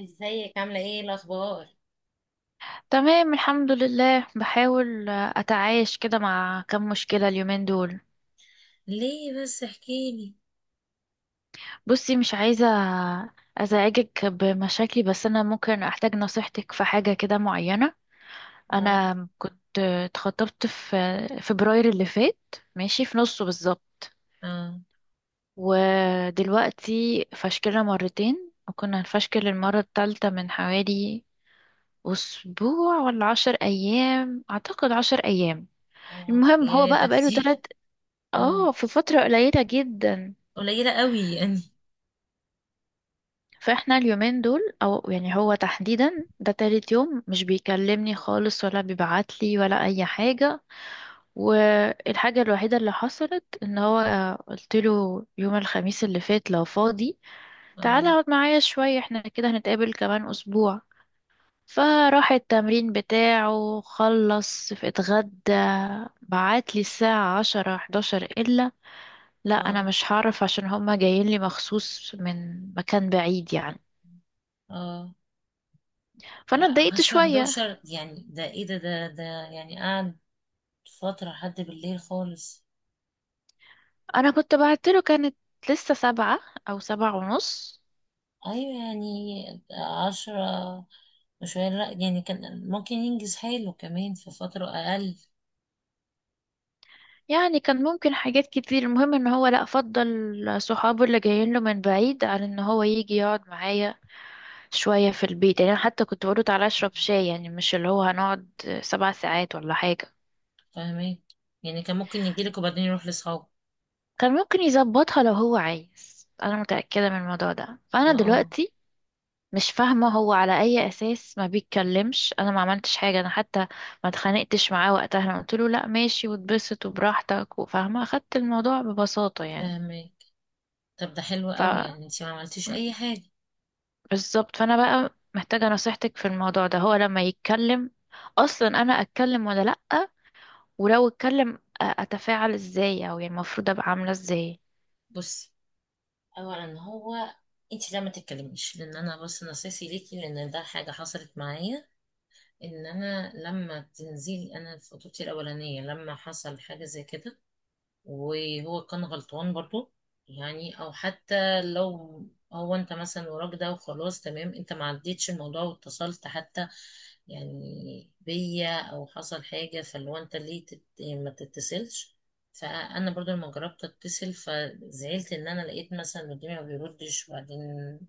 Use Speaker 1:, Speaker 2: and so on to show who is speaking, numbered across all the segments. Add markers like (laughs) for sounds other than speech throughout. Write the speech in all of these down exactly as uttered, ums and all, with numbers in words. Speaker 1: ازيك عاملة ايه الأخبار؟
Speaker 2: تمام الحمد لله، بحاول اتعايش كده مع كم مشكلة اليومين دول.
Speaker 1: ليه بس احكيلي.
Speaker 2: بصي، مش عايزة ازعجك بمشاكلي، بس انا ممكن احتاج نصيحتك في حاجة كده معينة.
Speaker 1: اه.
Speaker 2: انا كنت اتخطبت في فبراير اللي فات، ماشي، في نصه بالظبط.
Speaker 1: اه.
Speaker 2: ودلوقتي فشكلنا مرتين وكنا هنفشكل المرة التالتة من حوالي أسبوع ولا عشر أيام، أعتقد عشر أيام.
Speaker 1: اه،
Speaker 2: المهم هو
Speaker 1: يا ده
Speaker 2: بقى بقاله
Speaker 1: كتير.
Speaker 2: تلاتة
Speaker 1: (laughs) اه.
Speaker 2: اه في فترة قليلة جدا.
Speaker 1: قليلة قوي يعني.
Speaker 2: فاحنا اليومين دول، او يعني هو تحديدا ده تالت يوم مش بيكلمني خالص ولا بيبعتلي ولا اي حاجة. والحاجة الوحيدة اللي حصلت ان هو قلت له يوم الخميس اللي فات لو فاضي تعالى
Speaker 1: اه.
Speaker 2: اقعد معايا شوية، احنا كده هنتقابل كمان اسبوع. فراح التمرين بتاعه، خلص اتغدى، بعتلي الساعة عشرة حداشر إلا، لا انا
Speaker 1: اه.
Speaker 2: مش هعرف عشان هما جايين لي مخصوص من مكان بعيد يعني.
Speaker 1: اه.
Speaker 2: فانا اتضايقت
Speaker 1: عشرة
Speaker 2: شوية.
Speaker 1: حداشر؟ يعني ده ايه؟ ده ده ده يعني قعد فترة لحد بالليل خالص.
Speaker 2: انا كنت بعت له، كانت لسه سبعة او سبعة ونص.
Speaker 1: ايوه يعني. عشرة وشوية، لا، يعني كان ممكن ينجز حاله كمان في فترة أقل.
Speaker 2: يعني كان ممكن حاجات كتير. المهم ان هو لا فضل صحابه اللي جايين له من بعيد عن ان هو يجي يقعد معايا شوية في البيت. يعني انا حتى كنت بقوله تعالى اشرب شاي، يعني مش اللي هو هنقعد سبع ساعات ولا حاجة.
Speaker 1: فاهمين. يعني كان ممكن يجيلك وبعدين يروح لأصحابه.
Speaker 2: كان ممكن يظبطها لو هو عايز. انا متأكدة من الموضوع ده،
Speaker 1: ما
Speaker 2: فانا
Speaker 1: اه
Speaker 2: دلوقتي مش فاهمة هو على أي أساس ما بيتكلمش. أنا ما عملتش حاجة، أنا حتى ما اتخانقتش معاه وقتها. أنا قلت له لأ ماشي واتبسط وبراحتك، وفاهمة، أخدت الموضوع ببساطة يعني.
Speaker 1: فاهمين. طب ده حلو
Speaker 2: ف
Speaker 1: قوي، يعني انت ما عملتيش اي حاجه.
Speaker 2: بالظبط. فأنا بقى محتاجة نصيحتك في الموضوع ده. هو لما يتكلم أصلا أنا أتكلم ولا لأ؟ ولو اتكلم، أ- أتفاعل إزاي، أو يعني المفروض أبقى عاملة إزاي؟
Speaker 1: بصي، اولا هو انت لا ما تتكلميش، لان انا بس نصيحتي ليكي، لان ده حاجه حصلت معايا. ان انا لما تنزلي، انا في خطوبتي الاولانيه لما حصل حاجه زي كده، وهو كان غلطان برضو. يعني او حتى لو هو انت مثلا وراك ده وخلاص، تمام، انت ما عديتش الموضوع واتصلت حتى يعني بيا، او حصل حاجة، فاللي هو انت ليه تت... يعني ما تتصلش. فانا برضو لما جربت اتصل، فزعلت ان انا لقيت مثلا اللي قدامي ما بيردش، وبعدين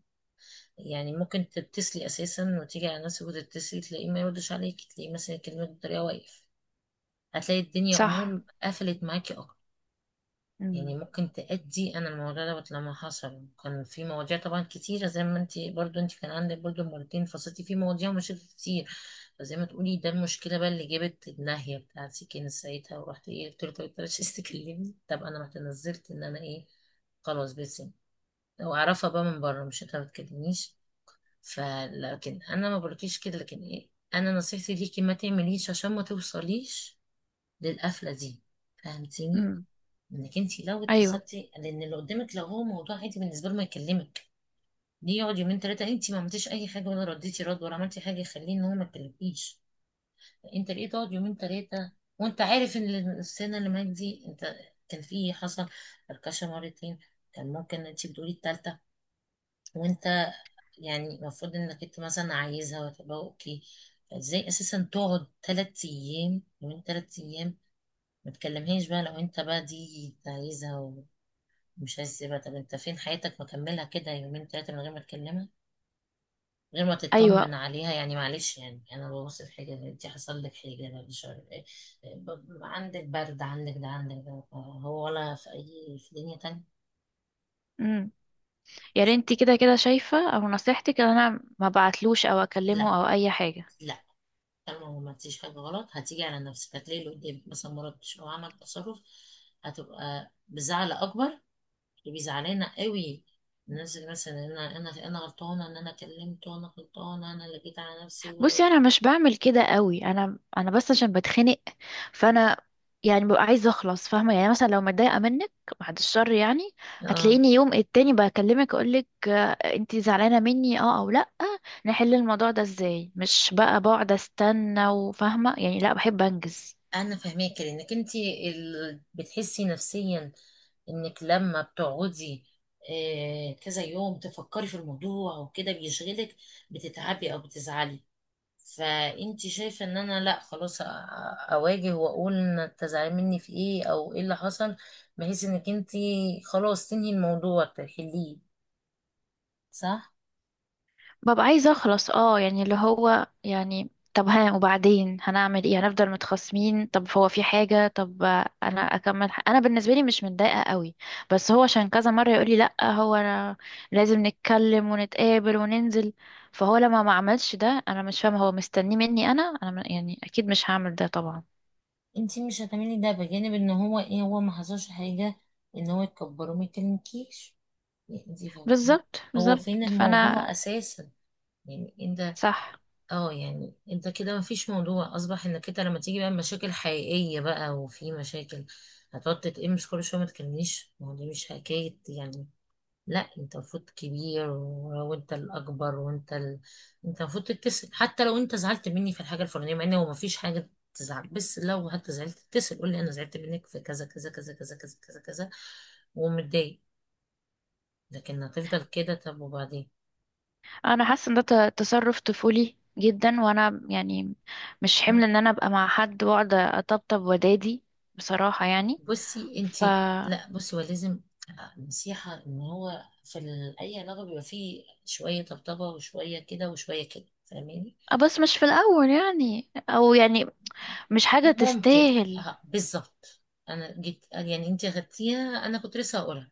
Speaker 1: يعني ممكن تتصلي اساسا وتيجي على نفسك وتتصلي، تلاقيه ما يردش عليك، تلاقيه مثلا يكلمك بطريقة واقف. هتلاقي الدنيا
Speaker 2: صح.
Speaker 1: امور قفلت معاكي اكتر. يعني
Speaker 2: امم.
Speaker 1: ممكن تأدي، أنا الموضوع دوت لما حصل كان في مواضيع طبعا كتيرة، زي ما انت برضو انت كان عندك برضو، مرتين فصلتي في مواضيع ومشاكل كتير. فزي ما تقولي، ده المشكلة بقى اللي جابت الناهية بتاعتي كانت ساعتها، ورحت ايه، قلت له طب انت مش عايز تكلمني، طب أنا رحت نزلت إن أنا ايه، خلاص بس، وأعرفها بقى من بره، مش انت ما بتكلمنيش. فلكن أنا ما بقولكيش كده، لكن ايه، أنا نصيحتي ليكي ما تعمليش عشان ما توصليش للقفلة دي. فهمتيني؟
Speaker 2: امم.
Speaker 1: انك انت لو
Speaker 2: أيوه.
Speaker 1: اتصلتي، لان اللي قدامك لو هو موضوع عادي بالنسبه له ما يكلمك. ليه يقعد يومين ثلاثه؟ انت ما عملتيش اي حاجه، ولا رديتي رد، ولا عملتي حاجه يخليه ان هو ما يكلمكيش. انت ليه تقعد يومين ثلاثه، وانت عارف ان السنه اللي معاك دي انت كان في إيه، حصل فركشه مرتين، كان ممكن انت بتقولي الثالثه، وانت يعني المفروض انك انت مثلا عايزها وتبقى اوكي. فازاي اساسا تقعد ثلاث ايام، يومين ثلاث ايام، ما تكلمهاش؟ بقى لو انت بقى دي عايزها مش هسيبها. طب انت فين؟ حياتك مكملها كده يومين تلاتة من غير ما تكلمها، من غير ما تطمن
Speaker 2: أيوه.
Speaker 1: عليها؟ يعني معلش، يعني انا ببص في حاجة، انت حصل لك حاجة؟ أنا مش عارف ايه، ب- عندك برد، عندك ده، عندك ده، هو ولا في اي، في دنيا تانية.
Speaker 2: يا ريت كده. كده شايفة او نصيحتك ان انا ما بعتلوش او
Speaker 1: لا،
Speaker 2: اكلمه او اي حاجة.
Speaker 1: لا، طالما ما فيش حاجة غلط، هتيجي على نفسك هتلاقي اللي قدامك مثلا ما ردش او عمل تصرف، هتبقى بزعل اكبر. اللي بيزعلنا قوي الناس اللي مثلا انا انا انا غلطانه ان انا كلمته، انا غلطانه، انا اللي جيت على نفسي
Speaker 2: بصي،
Speaker 1: و...
Speaker 2: انا مش بعمل كده قوي. انا انا بس عشان بتخنق، فانا يعني ببقى عايزة اخلص، فاهمة؟ يعني مثلا لو متضايقة منك، بعد الشر يعني،
Speaker 1: اه،
Speaker 2: هتلاقيني يوم التاني بكلمك اقولك آه، انتي زعلانة مني، اه او لا، نحل الموضوع ده ازاي، مش بقى بقعد استنى. وفاهمة يعني، لا، بحب انجز.
Speaker 1: انا فاهماكي، لانك انت ال... بتحسي نفسيا انك لما بتقعدي آه، كذا يوم تفكري في الموضوع وكده بيشغلك، بتتعبي او بتزعلي. فانت شايفه ان انا، لا خلاص، أ- اواجه واقول إن تزعلي مني في ايه، او ايه اللي حصل، بحيث انك انت خلاص تنهي الموضوع، تحليه. صح.
Speaker 2: ببقى عايزة اخلص، اه، يعني اللي هو يعني طب ها وبعدين هنعمل ايه، هنفضل متخاصمين؟ طب هو في حاجة؟ طب انا اكمل؟ ح- انا بالنسبة لي مش متضايقة قوي. بس هو عشان كذا مرة يقولي لا، هو انا لازم نتكلم ونتقابل وننزل. فهو لما ما عملش ده انا مش فاهمة هو مستنيه مني انا. انا م- يعني اكيد مش هعمل ده طبعا.
Speaker 1: انت مش هتعملي ده بجانب ان هو ايه، هو ما حصلش حاجه ان هو يكبره ما يكلمكيش. يعني انت فاهمين،
Speaker 2: بالظبط
Speaker 1: هو
Speaker 2: بالظبط
Speaker 1: فين
Speaker 2: فانا.
Speaker 1: الموضوع اساسا؟ يعني انت،
Speaker 2: صح.
Speaker 1: اه يعني انت كده ما فيش موضوع. اصبح انك انت لما تيجي بقى مشاكل حقيقية بقى، وفي مشاكل، هتقعد تتقمش كل شوية ما تكلمنيش؟ ما هو دي مش حكاية يعني. لا، انت المفروض كبير، و- وانت الاكبر، وانت ال... انت المفروض تتصل حتى لو انت زعلت مني في الحاجة الفلانية، مع ان هو ما فيش حاجة تزعل، بس لو حتى زعلت تتصل، قول لي انا زعلت منك في كذا كذا كذا كذا كذا كذا كذا، ومتضايق. لكن هتفضل كده، طب وبعدين؟
Speaker 2: انا حاسه ان ده ت- تصرف طفولي جدا، وانا يعني مش
Speaker 1: مم.
Speaker 2: حمل ان انا ابقى مع حد واقعد اطبطب ودادي، بصراحه يعني.
Speaker 1: بصي انت،
Speaker 2: ف آه،
Speaker 1: لا بصي، هو لازم، آه، نصيحة، ان هو في ال- اي علاقة بيبقى فيه شوية طبطبة وشوية كده وشوية كده، فاهماني؟
Speaker 2: بس مش في الاول يعني، او يعني مش حاجه
Speaker 1: ممكن.
Speaker 2: تستاهل.
Speaker 1: آه، بالظبط. انا جيت، يعني انت اخدتيها، انا كنت لسه هقولها،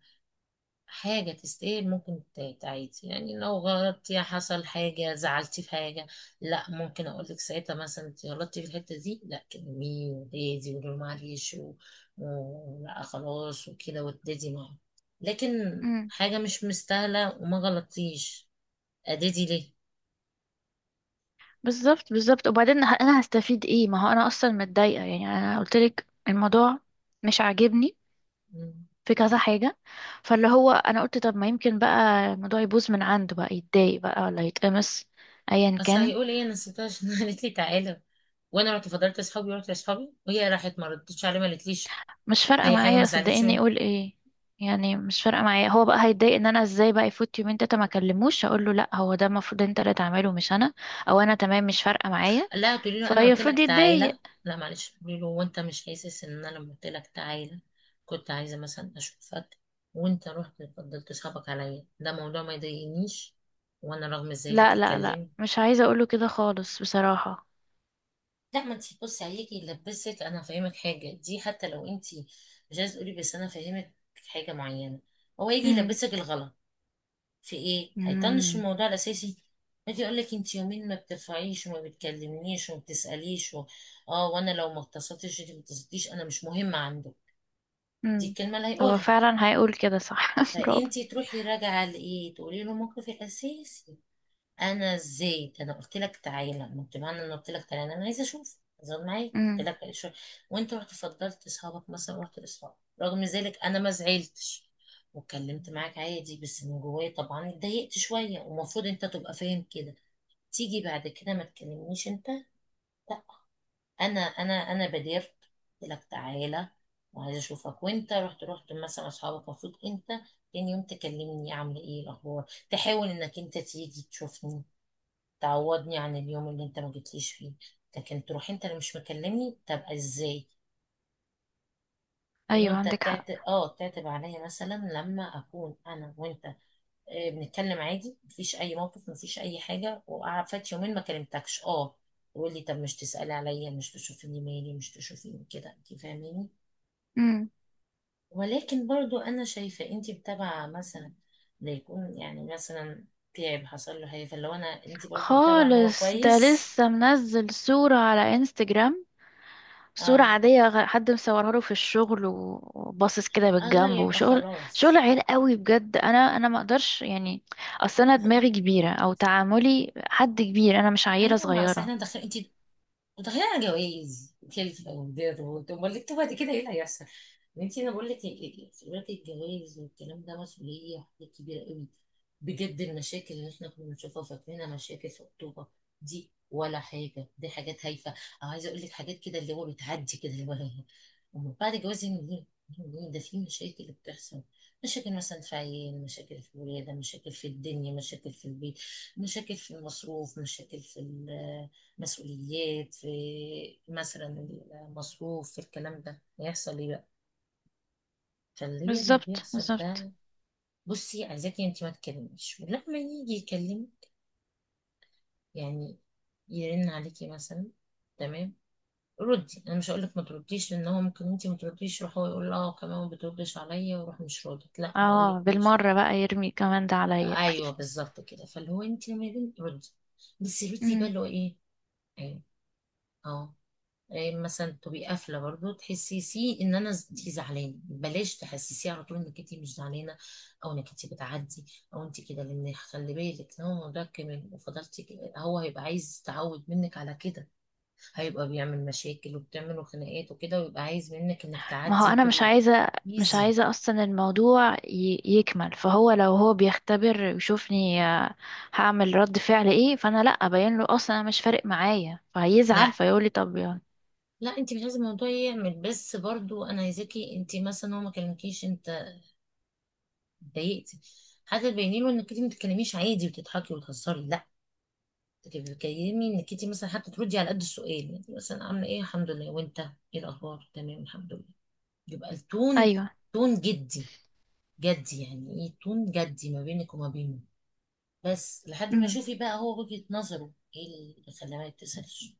Speaker 1: حاجة تستاهل ممكن تتعيد، يعني لو غلطتي، حصل حاجة، زعلتي في حاجة، لا ممكن أقولك ساعتها مثلا انت غلطتي في الحتة دي، لا كلميه وهادي وقولي له معلش و- و- لا خلاص وكده، وتدادي معاه. لكن
Speaker 2: امم.
Speaker 1: حاجة مش مستاهلة وما غلطتيش، أدادي ليه؟
Speaker 2: بالظبط بالظبط. وبعدين ه- انا هستفيد ايه؟ ما هو انا اصلا متضايقه، يعني انا قلت لك الموضوع مش عاجبني
Speaker 1: مم.
Speaker 2: في كذا حاجه. فاللي هو انا قلت طب ما يمكن بقى الموضوع يبوظ من عنده بقى، يتضايق بقى ولا يتقمص، ايا
Speaker 1: بس
Speaker 2: كان.
Speaker 1: هيقول ايه؟ انا نسيتها، عشان (laughs) قالت لي تعالى وانا رحت فضلت اصحابي، ورحت لاصحابي، وهي راحت ما ردتش عليه، ما قالتليش
Speaker 2: مش فارقة
Speaker 1: اي حاجه، ما
Speaker 2: معايا،
Speaker 1: زعلتش
Speaker 2: صدقيني،
Speaker 1: مني.
Speaker 2: يقول ايه. يعني مش فارقة معايا. هو بقى هيتضايق ان انا ازاي بقى يفوت يومين تلاته ما اكلموش، اقول له لا هو ده المفروض انت اللي تعمله مش انا. او انا تمام مش فارقة معايا
Speaker 1: لا، تقولي له انا قلت
Speaker 2: فيفرض
Speaker 1: لك تعالى،
Speaker 2: يتضايق.
Speaker 1: لا معلش، تقولي له وانت مش حاسس ان انا لما قلت لك تعالى كنت عايزه مثلا اشوفك، وانت رحت فضلت صحابك عليا، ده موضوع ما يضايقنيش؟ وانا رغم ذلك
Speaker 2: لا لا لا،
Speaker 1: اتكلمت.
Speaker 2: مش عايزة اقوله كده خالص بصراحة.
Speaker 1: لا، ما انت بصي، عليكي لبسك، انا فاهمك حاجه دي، حتى لو انت مش عايزه تقولي، بس انا فاهمك حاجه معينه، هو يجي
Speaker 2: امم.
Speaker 1: يلبسك الغلط في ايه، هيطنش
Speaker 2: امم.
Speaker 1: الموضوع الاساسي، يجي يقول لك انت يومين ما بترفعيش وما بتكلمنيش وما بتساليش و... اه، وانا لو ما اتصلتش، انت ما اتصلتيش، انا مش مهمه عنده، دي
Speaker 2: امم.
Speaker 1: الكلمه اللي
Speaker 2: هو
Speaker 1: هيقولها.
Speaker 2: فعلا هيقول كده، صح. (laughs) برافو.
Speaker 1: فانت تروحي راجعه لايه، تقولي له موقف الاساسي. انا ازاي؟ ده انا قلت لك تعالى، ما انت معنى ان قلت لك تعالى، انا عايزه اشوف، زود معايا، قلت
Speaker 2: امم.
Speaker 1: لك شو، وانت رحت فضلت اصحابك، مثلا رحت لاصحابك، رغم ذلك انا ما زعلتش واتكلمت معاك عادي، بس من جوايا طبعا اتضايقت شويه، ومفروض انت تبقى فاهم كده. تيجي بعد كده ما تكلمنيش انت؟ لا، انا انا انا بادرت، قلت لك تعالى وعايزه اشوفك، وانت رحت رحت مثلا اصحابك. المفروض انت تاني يوم تكلمني، عامله ايه، الاخبار، تحاول انك انت تيجي تشوفني، تعوضني عن اليوم اللي انت ما جيتليش فيه، لكن تروح انت اللي مش مكلمني؟ طب ازاي؟ يقولوا
Speaker 2: ايوه،
Speaker 1: انت
Speaker 2: عندك حق.
Speaker 1: تعتب اه تعتب عليا مثلا لما اكون انا وانت آه، بنتكلم عادي، مفيش اي موقف، مفيش اي حاجه، وقعد فات يومين ما كلمتكش اه يقول لي طب مش تسالي عليا، مش تشوفيني، مالي، مش تشوفيني كده؟ انت فاهميني؟
Speaker 2: امم.
Speaker 1: ولكن برضو انا شايفه انت متابعه مثلا، ده يكون يعني مثلا تعب، حصل له حاجه، فلو انا، انت برضو متابعه ان هو
Speaker 2: خالص، ده
Speaker 1: كويس.
Speaker 2: لسه منزل صورة على انستجرام. صورة
Speaker 1: اه،
Speaker 2: عادية، غ- حد مصورها له في الشغل، و- وباصص كده
Speaker 1: الله،
Speaker 2: بالجنب
Speaker 1: يبقى
Speaker 2: وشغل.
Speaker 1: خلاص.
Speaker 2: شغل عيل قوي بجد، انا انا ما اقدرش يعني. اصل انا دماغي كبيرة، او تعاملي حد كبير، انا مش عيلة
Speaker 1: ايوه، ما اصل
Speaker 2: صغيرة.
Speaker 1: احنا داخلين، انت داخلين على جوايز، كلفه ودير، وت- امال انتوا بعد كده ايه اللي هيحصل؟ انت، انا بقول لك، دلوقتي الجواز والكلام ده مسؤوليه، حاجات كبيره قوي بجد. المشاكل اللي احنا كنا بنشوفها فاكرينها مشاكل في الخطوبه دي ولا حاجه، دي حاجات هايفه، او عايزه اقول لك حاجات كده اللي هو بتعدي كده اللي هو (laughs) هي. ومن بعد الجواز يعني ايه، ده في مشاكل بتحصل، مشاكل مثلا في عيال، مشاكل في الولاده، مشاكل في الدنيا، مشاكل في البيت، مشاكل في المصروف، مشاكل في المسؤوليات، في مثلا المصروف، في الكلام ده، هيحصل ايه بقى؟ فاللي هي اللي
Speaker 2: بالظبط
Speaker 1: بيحصل
Speaker 2: بالظبط.
Speaker 1: ده. بصي، عايزاكي انت ما تكلميش، ولما يجي يكلم يعني، يرن عليكي مثلا، تمام، ردي. انا مش هقول لك ما ترديش، لان هو ممكن انت ما ترديش، يروح هو يقول اه كمان ما بتردش عليا، واروح مش ردت، لا ما
Speaker 2: اه
Speaker 1: اقولكيش.
Speaker 2: بالمرة بقى يرمي كمان ده عليا. (laughs)
Speaker 1: ايوه بالظبط كده. فاللي هو انت لما يرن، ردي، بس ردي بقى
Speaker 2: مم.
Speaker 1: اللي هو ايه. ايوه. اه. إيه، مثلا تبقي قافله برضو، تحسسيه ان انا، ز- انت زعلانه، بلاش تحسسيه على طول انك انت مش زعلانه، او انك انت بتعدي، او انت كده، لان خلي بالك لو الموضوع كمل وفضلتي كده، هو هيبقى عايز يتعود منك على كده، هيبقى بيعمل مشاكل وبتعملوا خناقات وكده، ويبقى عايز منك انك
Speaker 2: ما هو
Speaker 1: تعدي
Speaker 2: انا مش
Speaker 1: وتبقي
Speaker 2: عايزة. مش
Speaker 1: ايزي.
Speaker 2: عايزة اصلا الموضوع ي- يكمل. فهو لو هو بيختبر ويشوفني آه، هعمل رد فعل ايه؟ فانا لا ابين له اصلا انا مش فارق معايا، فهيزعل
Speaker 1: لا،
Speaker 2: فيقول لي طب يلا.
Speaker 1: لا، انت مش عايزه الموضوع يعمل، بس برضو انا عايزاكي انت مثلا هو ما كلمكيش، انت اتضايقتي، حتى تبيني له انك انت ما بتتكلميش عادي وتضحكي وتهزري، لا. انت بتكلمي انك انت مثلا، حتى تردي على قد السؤال، يعني مثلا عامله ايه، الحمد لله، وانت ايه الاخبار، تمام الحمد لله، يبقى التون،
Speaker 2: ايوه.
Speaker 1: تون جدي. جدي يعني ايه، تون جدي ما بينك وما بينه، بس لحد ما
Speaker 2: امم.
Speaker 1: شوفي بقى هو وجهة نظره ايه اللي خلاه ما يتصلش،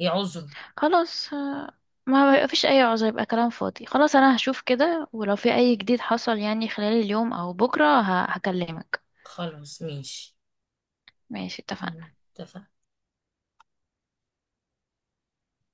Speaker 1: ايه عذره.
Speaker 2: خلاص. آه، ما بيبقى فيش اي عذر، يبقى كلام فاضي. خلاص انا هشوف كده، ولو في اي جديد حصل يعني خلال اليوم او بكره ه- هكلمك.
Speaker 1: خلاص ماشي.
Speaker 2: ماشي،
Speaker 1: مم،
Speaker 2: اتفقنا.
Speaker 1: اتفقنا.